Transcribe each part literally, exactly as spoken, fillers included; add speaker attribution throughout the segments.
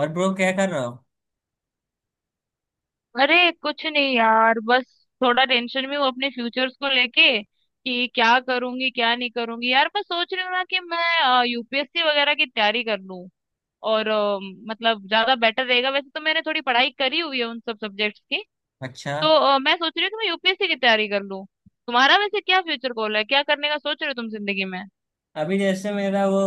Speaker 1: और ब्रो क्या कर रहा हो?
Speaker 2: अरे कुछ नहीं यार, बस थोड़ा टेंशन में हूँ अपने फ्यूचर्स को लेके कि क्या करूंगी क्या नहीं करूंगी। यार, मैं सोच रही हूँ ना कि मैं यू पी एस सी वगैरह की तैयारी कर लूँ। और अ, मतलब ज्यादा बेटर रहेगा, वैसे तो मैंने थोड़ी पढ़ाई करी हुई है उन सब सब्जेक्ट्स की।
Speaker 1: अच्छा।
Speaker 2: तो अ, मैं सोच रही हूँ कि मैं यूपीएससी की तैयारी कर लूँ। तुम्हारा वैसे क्या फ्यूचर गोल है? क्या करने का सोच रहे हो तुम जिंदगी में?
Speaker 1: अभी जैसे मेरा वो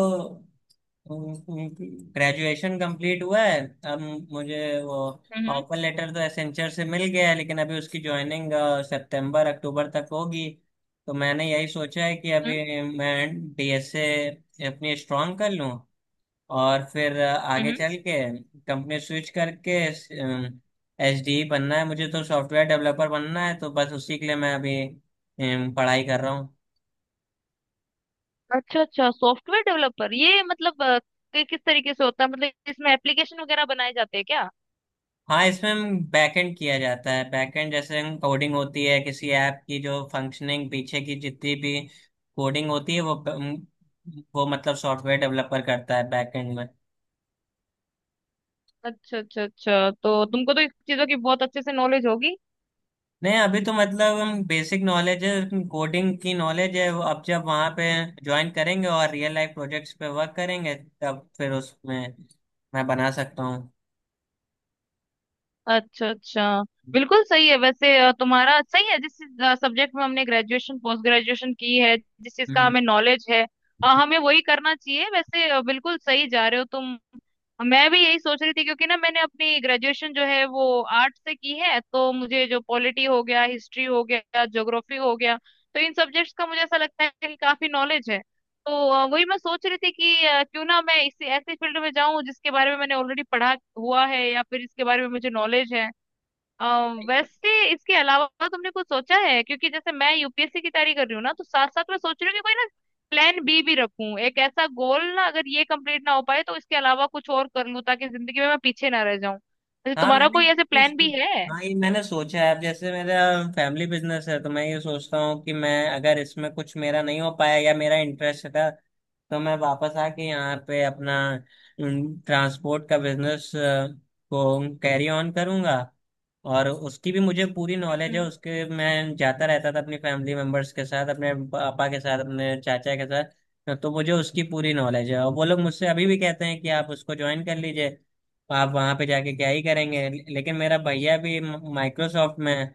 Speaker 1: ग्रेजुएशन कंप्लीट हुआ है। अब मुझे वो
Speaker 2: हम्म।
Speaker 1: ऑफर लेटर तो एसेंचर से मिल गया है, लेकिन अभी उसकी ज्वाइनिंग सितंबर अक्टूबर तक होगी। तो मैंने यही सोचा है कि
Speaker 2: हम्म।
Speaker 1: अभी मैं डी एस ए अपनी स्ट्रांग कर लूँ, और फिर अ, आगे
Speaker 2: हम्म।
Speaker 1: चल के कंपनी स्विच करके एस डी बनना है। मुझे तो सॉफ्टवेयर डेवलपर बनना है, तो बस उसी के लिए मैं अभी अम, पढ़ाई कर रहा हूँ।
Speaker 2: अच्छा अच्छा, सॉफ्टवेयर डेवलपर, ये मतलब अ, कि- किस तरीके से होता है? मतलब इसमें एप्लीकेशन वगैरह बनाए जाते हैं क्या?
Speaker 1: हाँ, इसमें हम बैकएंड किया जाता है। बैकएंड जैसे हम कोडिंग होती है किसी ऐप की, जो फंक्शनिंग पीछे की जितनी भी कोडिंग होती है वो वो मतलब सॉफ्टवेयर डेवलपर करता है बैकएंड में।
Speaker 2: अच्छा अच्छा अच्छा, तो तुमको तो इस चीजों की बहुत अच्छे से नॉलेज होगी।
Speaker 1: नहीं, अभी तो मतलब हम बेसिक नॉलेज है, कोडिंग की नॉलेज है। वो अब जब वहाँ पे ज्वाइन करेंगे और रियल लाइफ प्रोजेक्ट्स पे वर्क करेंगे, तब फिर उसमें मैं बना सकता
Speaker 2: अच्छा अच्छा, बिल्कुल सही है। वैसे अ, तुम्हारा सही है, जिस सब्जेक्ट में हमने ग्रेजुएशन पोस्ट ग्रेजुएशन की है, जिस चीज का
Speaker 1: हूँ।
Speaker 2: हमें नॉलेज है, अ, हमें वही करना चाहिए। वैसे अ, बिल्कुल सही जा रहे हो तुम। मैं भी यही सोच रही थी, क्योंकि ना मैंने अपनी ग्रेजुएशन जो है वो आर्ट से की है, तो मुझे जो पॉलिटी हो गया, हिस्ट्री हो गया, ज्योग्राफी हो गया, तो इन सब्जेक्ट्स का मुझे ऐसा लगता है कि काफी नॉलेज है। तो अ, वही मैं सोच रही थी कि अ, क्यों ना मैं इसी ऐसे फील्ड में जाऊं जिसके बारे में मैंने ऑलरेडी पढ़ा हुआ है या फिर इसके बारे में मुझे नॉलेज है। अ, वैसे इसके अलावा तुमने कुछ सोचा है? क्योंकि जैसे मैं यू पी एस सी की तैयारी कर रही हूँ ना, तो साथ साथ मैं सोच रही हूँ कि कोई ना प्लान बी भी रखूं, एक ऐसा गोल ना, अगर ये कंप्लीट ना हो पाए तो इसके अलावा कुछ और कर लूं, ताकि जिंदगी में मैं पीछे ना रह जाऊं। वैसे
Speaker 1: हाँ,
Speaker 2: तुम्हारा
Speaker 1: मैंने
Speaker 2: कोई ऐसे
Speaker 1: कुछ
Speaker 2: प्लान भी है?
Speaker 1: हाँ, ये मैंने सोचा है। अब जैसे मेरा फैमिली बिजनेस है, तो मैं ये सोचता हूँ कि मैं अगर इसमें कुछ मेरा नहीं हो पाया या मेरा इंटरेस्ट था, तो मैं वापस आके यहाँ पे अपना ट्रांसपोर्ट का बिजनेस को कैरी ऑन करूँगा। और उसकी भी मुझे पूरी नॉलेज है,
Speaker 2: हम्म।
Speaker 1: उसके मैं जाता रहता था अपनी फैमिली मेंबर्स के साथ, अपने पापा के साथ, अपने चाचा के साथ। तो मुझे उसकी पूरी नॉलेज है, और वो लोग मुझसे अभी भी कहते हैं कि आप उसको ज्वाइन कर लीजिए, आप वहाँ पे जाके क्या ही करेंगे। लेकिन मेरा भैया भी माइक्रोसॉफ्ट में है,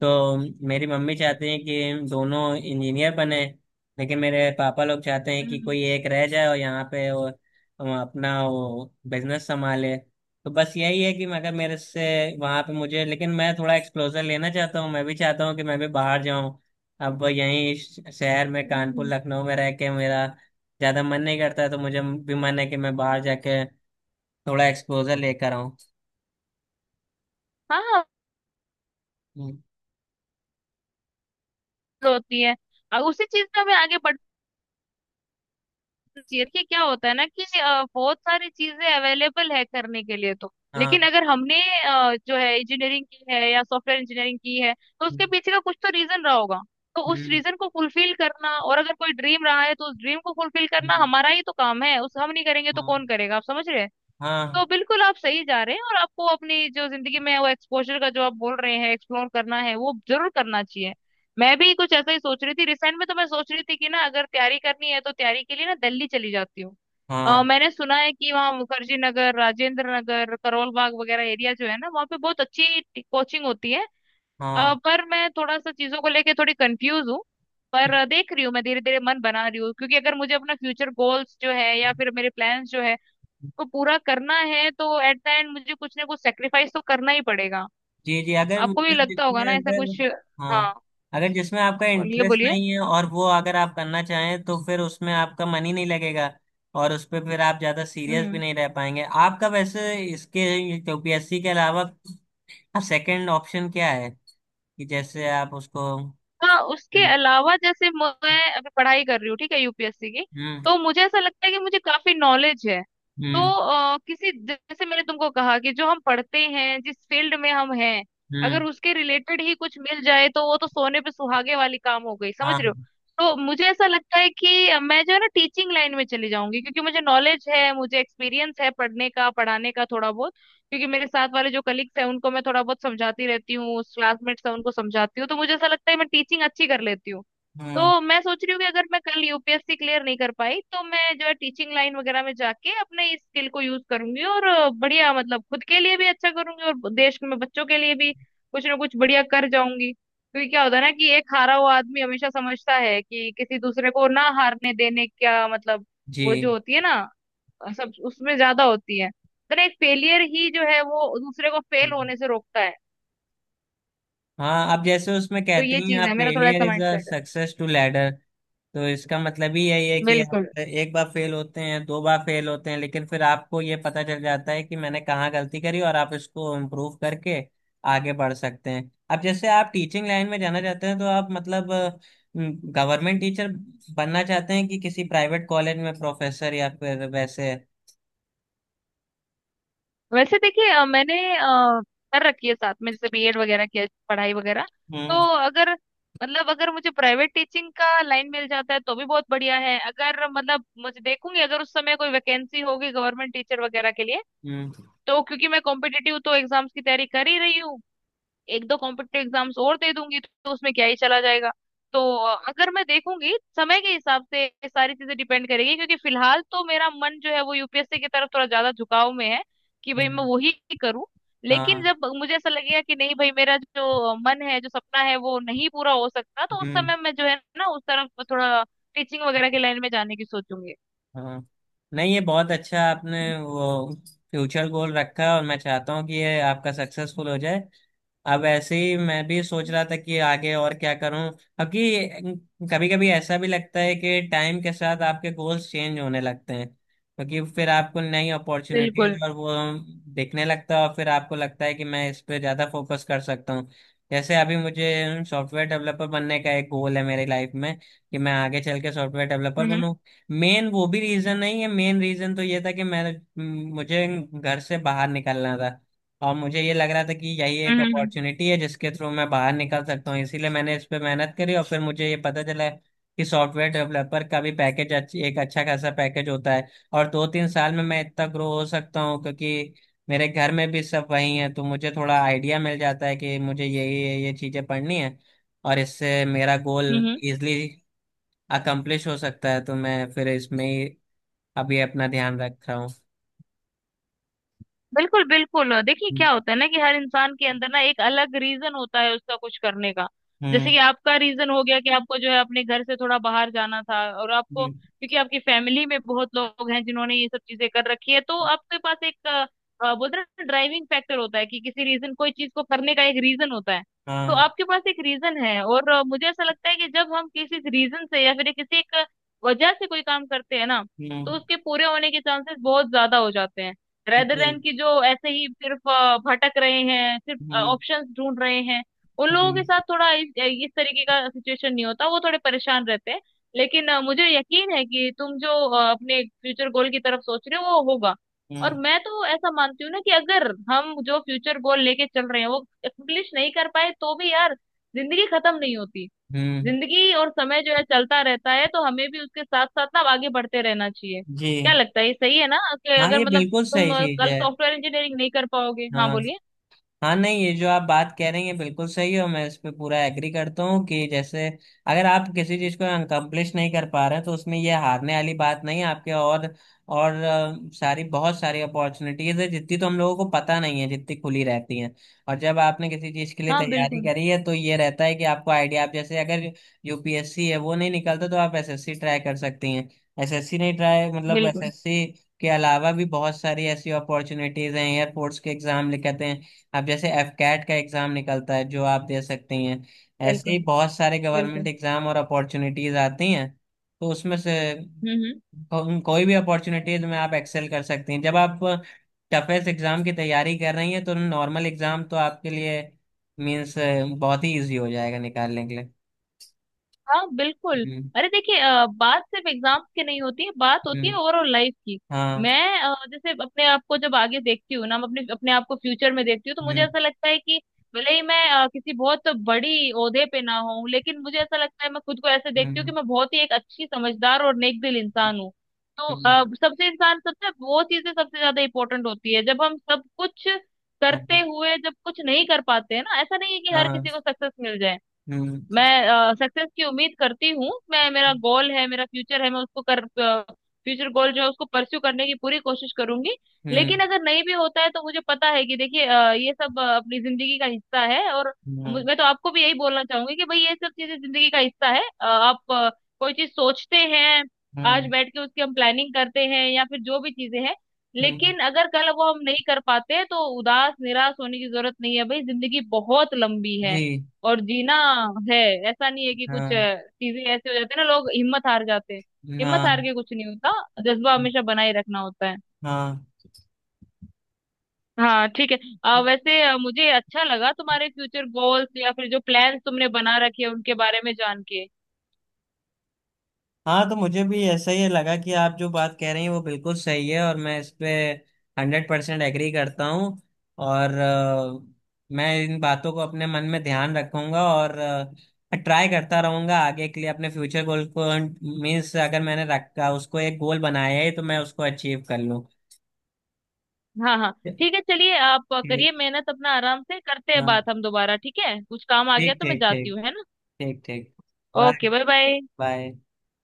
Speaker 1: तो मेरी मम्मी चाहती है कि हम दोनों इंजीनियर बने। लेकिन मेरे पापा लोग चाहते हैं
Speaker 2: हम्म।
Speaker 1: कि
Speaker 2: हम्म।
Speaker 1: कोई एक रह जाए और यहाँ पे वो, वो अपना वो बिजनेस संभाले। तो बस यही है कि मगर मेरे से वहाँ पे मुझे, लेकिन मैं थोड़ा एक्सपोजर लेना चाहता हूँ, मैं भी चाहता हूँ कि मैं भी बाहर जाऊँ। अब यहीं श- शहर में, कानपुर
Speaker 2: हम्म।
Speaker 1: लखनऊ में रह के मेरा ज़्यादा मन नहीं करता है, तो मुझे भी मन है कि मैं बाहर जाके थोड़ा एक्सपोजर लेकर आऊँ।
Speaker 2: हाँ हाँ।
Speaker 1: हम्म।
Speaker 2: होती है। अ, उसी चीज में हमें आगे बढ़, देखिए क्या होता है ना कि अ, बहुत सारी चीजें अवेलेबल है करने के लिए, तो
Speaker 1: हाँ।
Speaker 2: लेकिन अगर हमने अ, जो है इंजीनियरिंग की है या सॉफ्टवेयर इंजीनियरिंग की है, तो उसके
Speaker 1: हम्म।
Speaker 2: पीछे का कुछ तो रीजन रहा होगा। तो उस
Speaker 1: हम्म।
Speaker 2: रीजन को फुलफिल करना, और अगर कोई ड्रीम रहा है तो उस ड्रीम को फुलफिल करना
Speaker 1: हम्म।
Speaker 2: हमारा ही तो काम है। उस हम नहीं करेंगे तो
Speaker 1: हाँ,
Speaker 2: कौन करेगा? आप समझ रहे हैं? तो
Speaker 1: हाँ,
Speaker 2: बिल्कुल आप सही जा रहे हैं, और आपको अपनी जो जिंदगी में वो एक्सपोजर का जो आप बोल रहे हैं, एक्सप्लोर करना है, वो जरूर करना चाहिए। मैं भी कुछ ऐसा ही सोच रही थी रिसेंट में, तो मैं सोच रही थी कि ना, अगर तैयारी करनी है तो तैयारी के लिए ना दिल्ली चली जाती हूँ। अ,
Speaker 1: हाँ,
Speaker 2: मैंने सुना है कि वहाँ मुखर्जी नगर, राजेंद्र नगर, करोल बाग वगैरह एरिया जो है ना, वहाँ पे बहुत अच्छी कोचिंग होती है। अ,
Speaker 1: हाँ,
Speaker 2: पर मैं थोड़ा सा चीजों को लेके थोड़ी कंफ्यूज हूँ। पर अ, देख रही हूँ, मैं धीरे धीरे मन बना रही हूँ, क्योंकि अगर मुझे अपना फ्यूचर गोल्स जो है या फिर मेरे प्लान्स जो है को पूरा करना है, तो एट द एंड मुझे कुछ ना कुछ सेक्रीफाइस तो करना ही पड़ेगा।
Speaker 1: जी, जी। अगर
Speaker 2: आपको भी
Speaker 1: मतलब
Speaker 2: लगता होगा
Speaker 1: जिसमें
Speaker 2: ना ऐसा
Speaker 1: अगर
Speaker 2: कुछ?
Speaker 1: हाँ,
Speaker 2: हाँ,
Speaker 1: अगर जिसमें आपका
Speaker 2: बोलिए
Speaker 1: इंटरेस्ट
Speaker 2: बोलिए।
Speaker 1: नहीं है और वो अगर आप करना चाहें, तो फिर उसमें आपका मन ही नहीं लगेगा, और उस पर फिर आप ज़्यादा सीरियस भी
Speaker 2: हम्म।
Speaker 1: नहीं रह पाएंगे। आपका वैसे इसके यू पी एस सी के अलावा सेकंड ऑप्शन क्या है? कि जैसे आप उसको
Speaker 2: हाँ, उसके
Speaker 1: करना-
Speaker 2: अलावा जैसे मैं अभी पढ़ाई कर रही हूँ, ठीक है, यूपीएससी की,
Speaker 1: हम्म।
Speaker 2: तो मुझे ऐसा लगता है कि मुझे काफी नॉलेज है। तो
Speaker 1: हम्म।
Speaker 2: अ, किसी जैसे मैंने तुमको कहा कि जो हम पढ़ते हैं, जिस फील्ड में हम हैं, अगर
Speaker 1: हम्म।
Speaker 2: उसके रिलेटेड ही कुछ मिल जाए, तो वो तो सोने पे सुहागे वाली काम हो गई, समझ रहे हो?
Speaker 1: हाँ।
Speaker 2: तो मुझे ऐसा लगता है कि मैं जो है ना टीचिंग लाइन में चली जाऊंगी, क्योंकि मुझे नॉलेज है, मुझे एक्सपीरियंस है पढ़ने का, पढ़ाने का थोड़ा बहुत, क्योंकि मेरे साथ वाले जो कलीग्स हैं उनको मैं थोड़ा बहुत समझाती रहती हूँ, क्लासमेट्स हैं उनको समझाती हूँ, तो मुझे ऐसा लगता है मैं टीचिंग अच्छी कर लेती हूँ।
Speaker 1: हम्म।
Speaker 2: तो मैं सोच रही हूँ कि अगर मैं कल U P S C clear नहीं कर पाई, तो मैं जो है टीचिंग लाइन वगैरह में जाके अपने इस स्किल को यूज करूंगी, और अ, बढ़िया, मतलब खुद के लिए भी अच्छा करूंगी और देश में बच्चों के लिए भी कुछ ना कुछ बढ़िया कर जाऊंगी। क्योंकि क्या होता है ना कि एक हारा हुआ आदमी हमेशा समझता है कि किसी दूसरे को ना हारने देने का मतलब, वो जो
Speaker 1: जी।
Speaker 2: होती है ना, सब उसमें ज्यादा होती है। तो ना, एक फेलियर ही जो है वो दूसरे को फेल
Speaker 1: हम्म।
Speaker 2: होने से रोकता है।
Speaker 1: हाँ, अब जैसे उसमें
Speaker 2: तो
Speaker 1: कहते
Speaker 2: ये
Speaker 1: हैं,
Speaker 2: चीज
Speaker 1: आप
Speaker 2: है, मेरा थोड़ा
Speaker 1: फेलियर
Speaker 2: ऐसा
Speaker 1: इज
Speaker 2: माइंड
Speaker 1: अ
Speaker 2: सेट है।
Speaker 1: Success to ladder. तो इसका मतलब ही यही है कि
Speaker 2: बिल्कुल।
Speaker 1: आप एक बार फेल होते हैं, दो बार फेल होते हैं, लेकिन फिर आपको ये पता चल जाता है कि मैंने कहाँ गलती करी, और आप इसको इम्प्रूव करके आगे बढ़ सकते हैं। अब जैसे आप टीचिंग लाइन में जाना चाहते हैं, तो आप मतलब गवर्नमेंट टीचर बनना चाहते हैं कि किसी प्राइवेट कॉलेज में प्रोफेसर, या फिर वैसे,
Speaker 2: वैसे देखिए, अ, मैंने अ, कर रखी है साथ में, जैसे बी एड वगैरह किया, पढ़ाई वगैरह। तो
Speaker 1: हम्म।
Speaker 2: अगर मतलब अगर मुझे प्राइवेट टीचिंग का लाइन मिल जाता है तो भी बहुत बढ़िया है, अगर मतलब मुझे देखूंगी अगर उस समय कोई वैकेंसी होगी गवर्नमेंट टीचर वगैरह के लिए।
Speaker 1: हम्म।
Speaker 2: तो क्योंकि मैं कॉम्पिटिटिव तो एग्जाम्स की तैयारी कर ही रही हूँ, एक दो कॉम्पिटेटिव एग्जाम्स और दे दूंगी तो उसमें क्या ही चला जाएगा। तो अ, अगर मैं देखूंगी समय के हिसाब से ये सारी चीजें डिपेंड करेगी, क्योंकि फिलहाल तो मेरा मन जो है वो यू पी एस सी की तरफ थोड़ा ज्यादा झुकाव में है कि भाई मैं
Speaker 1: हम्म,
Speaker 2: वही करूँ। लेकिन
Speaker 1: हाँ।
Speaker 2: जब मुझे ऐसा लगेगा कि नहीं भाई, मेरा जो मन है, जो सपना है, वो नहीं पूरा हो सकता, तो उस
Speaker 1: हम्म।
Speaker 2: समय मैं जो है ना उस तरफ थोड़ा टीचिंग वगैरह के लाइन में जाने की सोचूंगी।
Speaker 1: हाँ, नहीं, ये बहुत अच्छा आपने वो फ्यूचर गोल रखा है, और मैं चाहता हूँ कि ये आपका सक्सेसफुल हो जाए। अब ऐसे ही मैं भी सोच रहा था कि आगे और क्या करूँ। अब कि कभी कभी ऐसा भी लगता है कि टाइम के साथ आपके गोल्स चेंज होने लगते हैं, क्योंकि फिर आपको नई
Speaker 2: बिल्कुल।
Speaker 1: अपॉर्चुनिटीज और वो दिखने लगता है, और फिर आपको लगता है कि मैं इस पे ज़्यादा फोकस कर सकता हूँ। जैसे अभी मुझे सॉफ्टवेयर डेवलपर बनने का एक गोल है मेरी लाइफ में, कि मैं आगे चल के सॉफ्टवेयर डेवलपर
Speaker 2: हम्म। बिल्कुल। हम्म।
Speaker 1: बनूँ। मेन वो भी रीजन नहीं है, मेन रीजन तो ये था कि मैं, मुझे घर से बाहर निकलना था, और मुझे ये लग रहा था कि यही एक
Speaker 2: हम्म। हम्म।
Speaker 1: अपॉर्चुनिटी है जिसके थ्रू मैं बाहर निकल सकता हूँ, इसीलिए मैंने इस पे मेहनत करी। और फिर मुझे ये पता चला कि सॉफ्टवेयर डेवलपर का भी पैकेज अच्छी, एक अच्छा खासा पैकेज होता है, और दो तीन साल में मैं इतना ग्रो हो सकता हूँ। क्योंकि मेरे घर में भी सब वही है, तो मुझे थोड़ा आइडिया मिल जाता है कि मुझे यही ये ये चीजें पढ़नी है, और इससे मेरा गोल
Speaker 2: हम्म।
Speaker 1: इजली अकम्प्लिश हो सकता है, तो मैं फिर इसमें ही अभी अपना ध्यान रख रहा हूँ।
Speaker 2: बिल्कुल बिल्कुल, देखिए
Speaker 1: हम्म।
Speaker 2: क्या होता है ना कि हर इंसान के अंदर ना एक अलग रीजन होता है उसका कुछ करने का। जैसे
Speaker 1: हम्म,
Speaker 2: कि आपका रीजन हो गया कि आपको जो है अपने घर से थोड़ा बाहर जाना था, और आपको क्योंकि आपकी फैमिली में बहुत लोग हैं जिन्होंने ये सब चीजें कर रखी है, तो आपके पास एक अ, अ, बोलते हैं ना ड्राइविंग फैक्टर होता है कि किसी रीजन कोई चीज को करने का एक रीजन होता है। तो
Speaker 1: हाँ।
Speaker 2: आपके पास एक रीजन है। और अ, मुझे ऐसा लगता है कि जब हम किसी रीजन से या फिर किसी एक वजह से कोई काम करते हैं ना, तो
Speaker 1: हम्म।
Speaker 2: उसके पूरे होने के चांसेस बहुत ज्यादा हो जाते हैं, रेदर
Speaker 1: जी।
Speaker 2: देन कि जो ऐसे ही सिर्फ अ, भटक रहे हैं, सिर्फ
Speaker 1: हम्म।
Speaker 2: ऑप्शंस ढूंढ रहे हैं, उन लोगों
Speaker 1: हम्म।
Speaker 2: के साथ थोड़ा इस, इस तरीके का सिचुएशन नहीं होता, वो थोड़े परेशान रहते हैं। लेकिन अ, मुझे यकीन है कि तुम जो अ, अपने फ्यूचर गोल की तरफ सोच रहे हो, वो होगा। और
Speaker 1: हम्म।
Speaker 2: मैं तो ऐसा मानती हूँ ना कि अगर हम जो फ्यूचर गोल लेके चल रहे हैं वो एक्सप्लिश नहीं कर पाए, तो भी यार जिंदगी खत्म नहीं होती है।
Speaker 1: हम्म,
Speaker 2: जिंदगी और समय जो है चलता रहता है, तो हमें भी उसके साथ साथ ना आगे बढ़ते रहना चाहिए। क्या
Speaker 1: जी,
Speaker 2: लगता है, ये सही है ना कि
Speaker 1: हाँ।
Speaker 2: अगर
Speaker 1: ये
Speaker 2: मतलब
Speaker 1: बिल्कुल
Speaker 2: तुम
Speaker 1: सही
Speaker 2: अ,
Speaker 1: चीज
Speaker 2: कल
Speaker 1: है।
Speaker 2: सॉफ्टवेयर इंजीनियरिंग नहीं कर पाओगे? हाँ
Speaker 1: हाँ।
Speaker 2: बोलिए।
Speaker 1: हाँ, नहीं, ये जो आप बात कह रही हैं बिल्कुल सही है, और मैं इस पे पूरा एग्री करता हूँ कि जैसे अगर आप किसी चीज़ को अनकम्प्लिश नहीं कर पा रहे हैं, तो उसमें ये हारने वाली बात नहीं है आपके। और और अ, सारी बहुत सारी अपॉर्चुनिटीज है, जितनी तो हम लोगों को पता नहीं है जितनी खुली रहती हैं। और जब आपने किसी चीज़ के लिए
Speaker 2: हाँ
Speaker 1: तैयारी
Speaker 2: बिल्कुल।
Speaker 1: करी है, तो ये रहता है कि आपको आइडिया, आप जैसे अगर यू पी एस सी है वो नहीं निकलता, तो आप एस एस सी ट्राई कर सकती हैं। एसएससी नहीं ट्राई, मतलब
Speaker 2: बिल्कुल।
Speaker 1: एस एस सी के अलावा भी बहुत सारी ऐसी अपॉर्चुनिटीज हैं। एयरपोर्ट्स के एग्जाम लिखते हैं, अब जैसे एफ कैट का एग्जाम निकलता है जो आप दे सकते हैं। ऐसे ही
Speaker 2: बिल्कुल।
Speaker 1: बहुत सारे गवर्नमेंट
Speaker 2: बिल्कुल।
Speaker 1: एग्जाम और अपॉर्चुनिटीज आती हैं, तो उसमें से
Speaker 2: हम्म। हम्म।
Speaker 1: को, कोई भी अपॉर्चुनिटीज में आप एक्सेल कर सकती हैं। जब आप टफेस्ट एग्जाम की तैयारी कर रही हैं, तो नॉर्मल एग्जाम तो आपके लिए मीन्स बहुत ही इजी हो जाएगा निकालने के लिए।
Speaker 2: हाँ बिल्कुल।
Speaker 1: हम्म।
Speaker 2: अरे देखिए, अ, बात सिर्फ एग्जाम्स की नहीं होती है, बात होती है
Speaker 1: हम्म।
Speaker 2: ओवरऑल लाइफ की।
Speaker 1: हाँ।
Speaker 2: मैं अ, जैसे अपने आप को जब आगे देखती हूँ ना, मैं अपने अपने आप को फ्यूचर में देखती हूँ, तो मुझे
Speaker 1: हम्म।
Speaker 2: ऐसा लगता है कि भले ही मैं अ, किसी बहुत बड़ी ओहदे पे ना हूँ, लेकिन मुझे ऐसा लगता है, मैं खुद को ऐसे देखती हूँ कि
Speaker 1: हम्म।
Speaker 2: मैं बहुत ही एक अच्छी, समझदार और नेक दिल इंसान हूँ। तो
Speaker 1: हम्म।
Speaker 2: अ, सबसे इंसान, सबसे वो चीजें सबसे ज्यादा इंपॉर्टेंट होती है, जब हम सब कुछ
Speaker 1: हम्म,
Speaker 2: करते हुए जब कुछ नहीं कर पाते हैं ना। ऐसा नहीं है कि हर
Speaker 1: हाँ।
Speaker 2: किसी को सक्सेस मिल जाए।
Speaker 1: हम्म।
Speaker 2: मैं सक्सेस की उम्मीद करती हूँ, मैं, मेरा गोल है, मेरा फ्यूचर है, मैं उसको कर, फ्यूचर गोल जो है उसको परस्यू करने की पूरी कोशिश करूंगी।
Speaker 1: हम्म।
Speaker 2: लेकिन अगर नहीं भी होता है तो मुझे पता है कि देखिए, अ, ये सब अ, अपनी जिंदगी का हिस्सा है। और मु-
Speaker 1: हम्म।
Speaker 2: मैं तो आपको भी यही बोलना चाहूंगी कि भाई ये सब चीजें जिंदगी का हिस्सा है। अ, आप अ, कोई चीज सोचते हैं, आज
Speaker 1: हम्म।
Speaker 2: बैठ के उसकी हम प्लानिंग करते हैं या फिर जो भी चीजें हैं,
Speaker 1: हम्म,
Speaker 2: लेकिन अगर कल वो हम नहीं कर पाते हैं, तो उदास निराश होने की जरूरत नहीं है। भाई जिंदगी बहुत लंबी है,
Speaker 1: जी,
Speaker 2: और जीना है। ऐसा नहीं है कि कुछ
Speaker 1: हाँ,
Speaker 2: अ, चीजें ऐसे हो जाते हैं ना, लोग हिम्मत हार जाते हैं। हिम्मत हार
Speaker 1: हाँ,
Speaker 2: के कुछ नहीं होता, जज्बा हमेशा बनाए रखना होता है।
Speaker 1: हाँ।
Speaker 2: हाँ ठीक है। अ, वैसे अ, मुझे अच्छा लगा तुम्हारे फ्यूचर गोल्स या फिर जो प्लान्स तुमने बना रखे हैं उनके बारे में जान के।
Speaker 1: हाँ, तो मुझे भी ऐसा ही लगा कि आप जो बात कह रही हैं वो बिल्कुल सही है, और मैं इस पे हंड्रेड परसेंट एग्री करता हूँ। और अ, मैं इन बातों को अपने मन में ध्यान रखूंगा, और ट्राई करता रहूंगा आगे के लिए अपने फ्यूचर गोल को। मीन्स अगर मैंने रखा उसको एक गोल बनाया है, तो मैं उसको अचीव कर लूँ।
Speaker 2: हाँ हाँ, ठीक है, चलिए आप करिए
Speaker 1: ठीक।
Speaker 2: मेहनत अपना, आराम से करते हैं
Speaker 1: हाँ।
Speaker 2: बात हम दोबारा, ठीक है? कुछ काम आ गया
Speaker 1: ठीक,
Speaker 2: तो मैं
Speaker 1: ठीक,
Speaker 2: जाती
Speaker 1: ठीक।
Speaker 2: हूँ, है ना?
Speaker 1: ठीक, ठीक। Bye.
Speaker 2: Okay bye bye.
Speaker 1: Bye.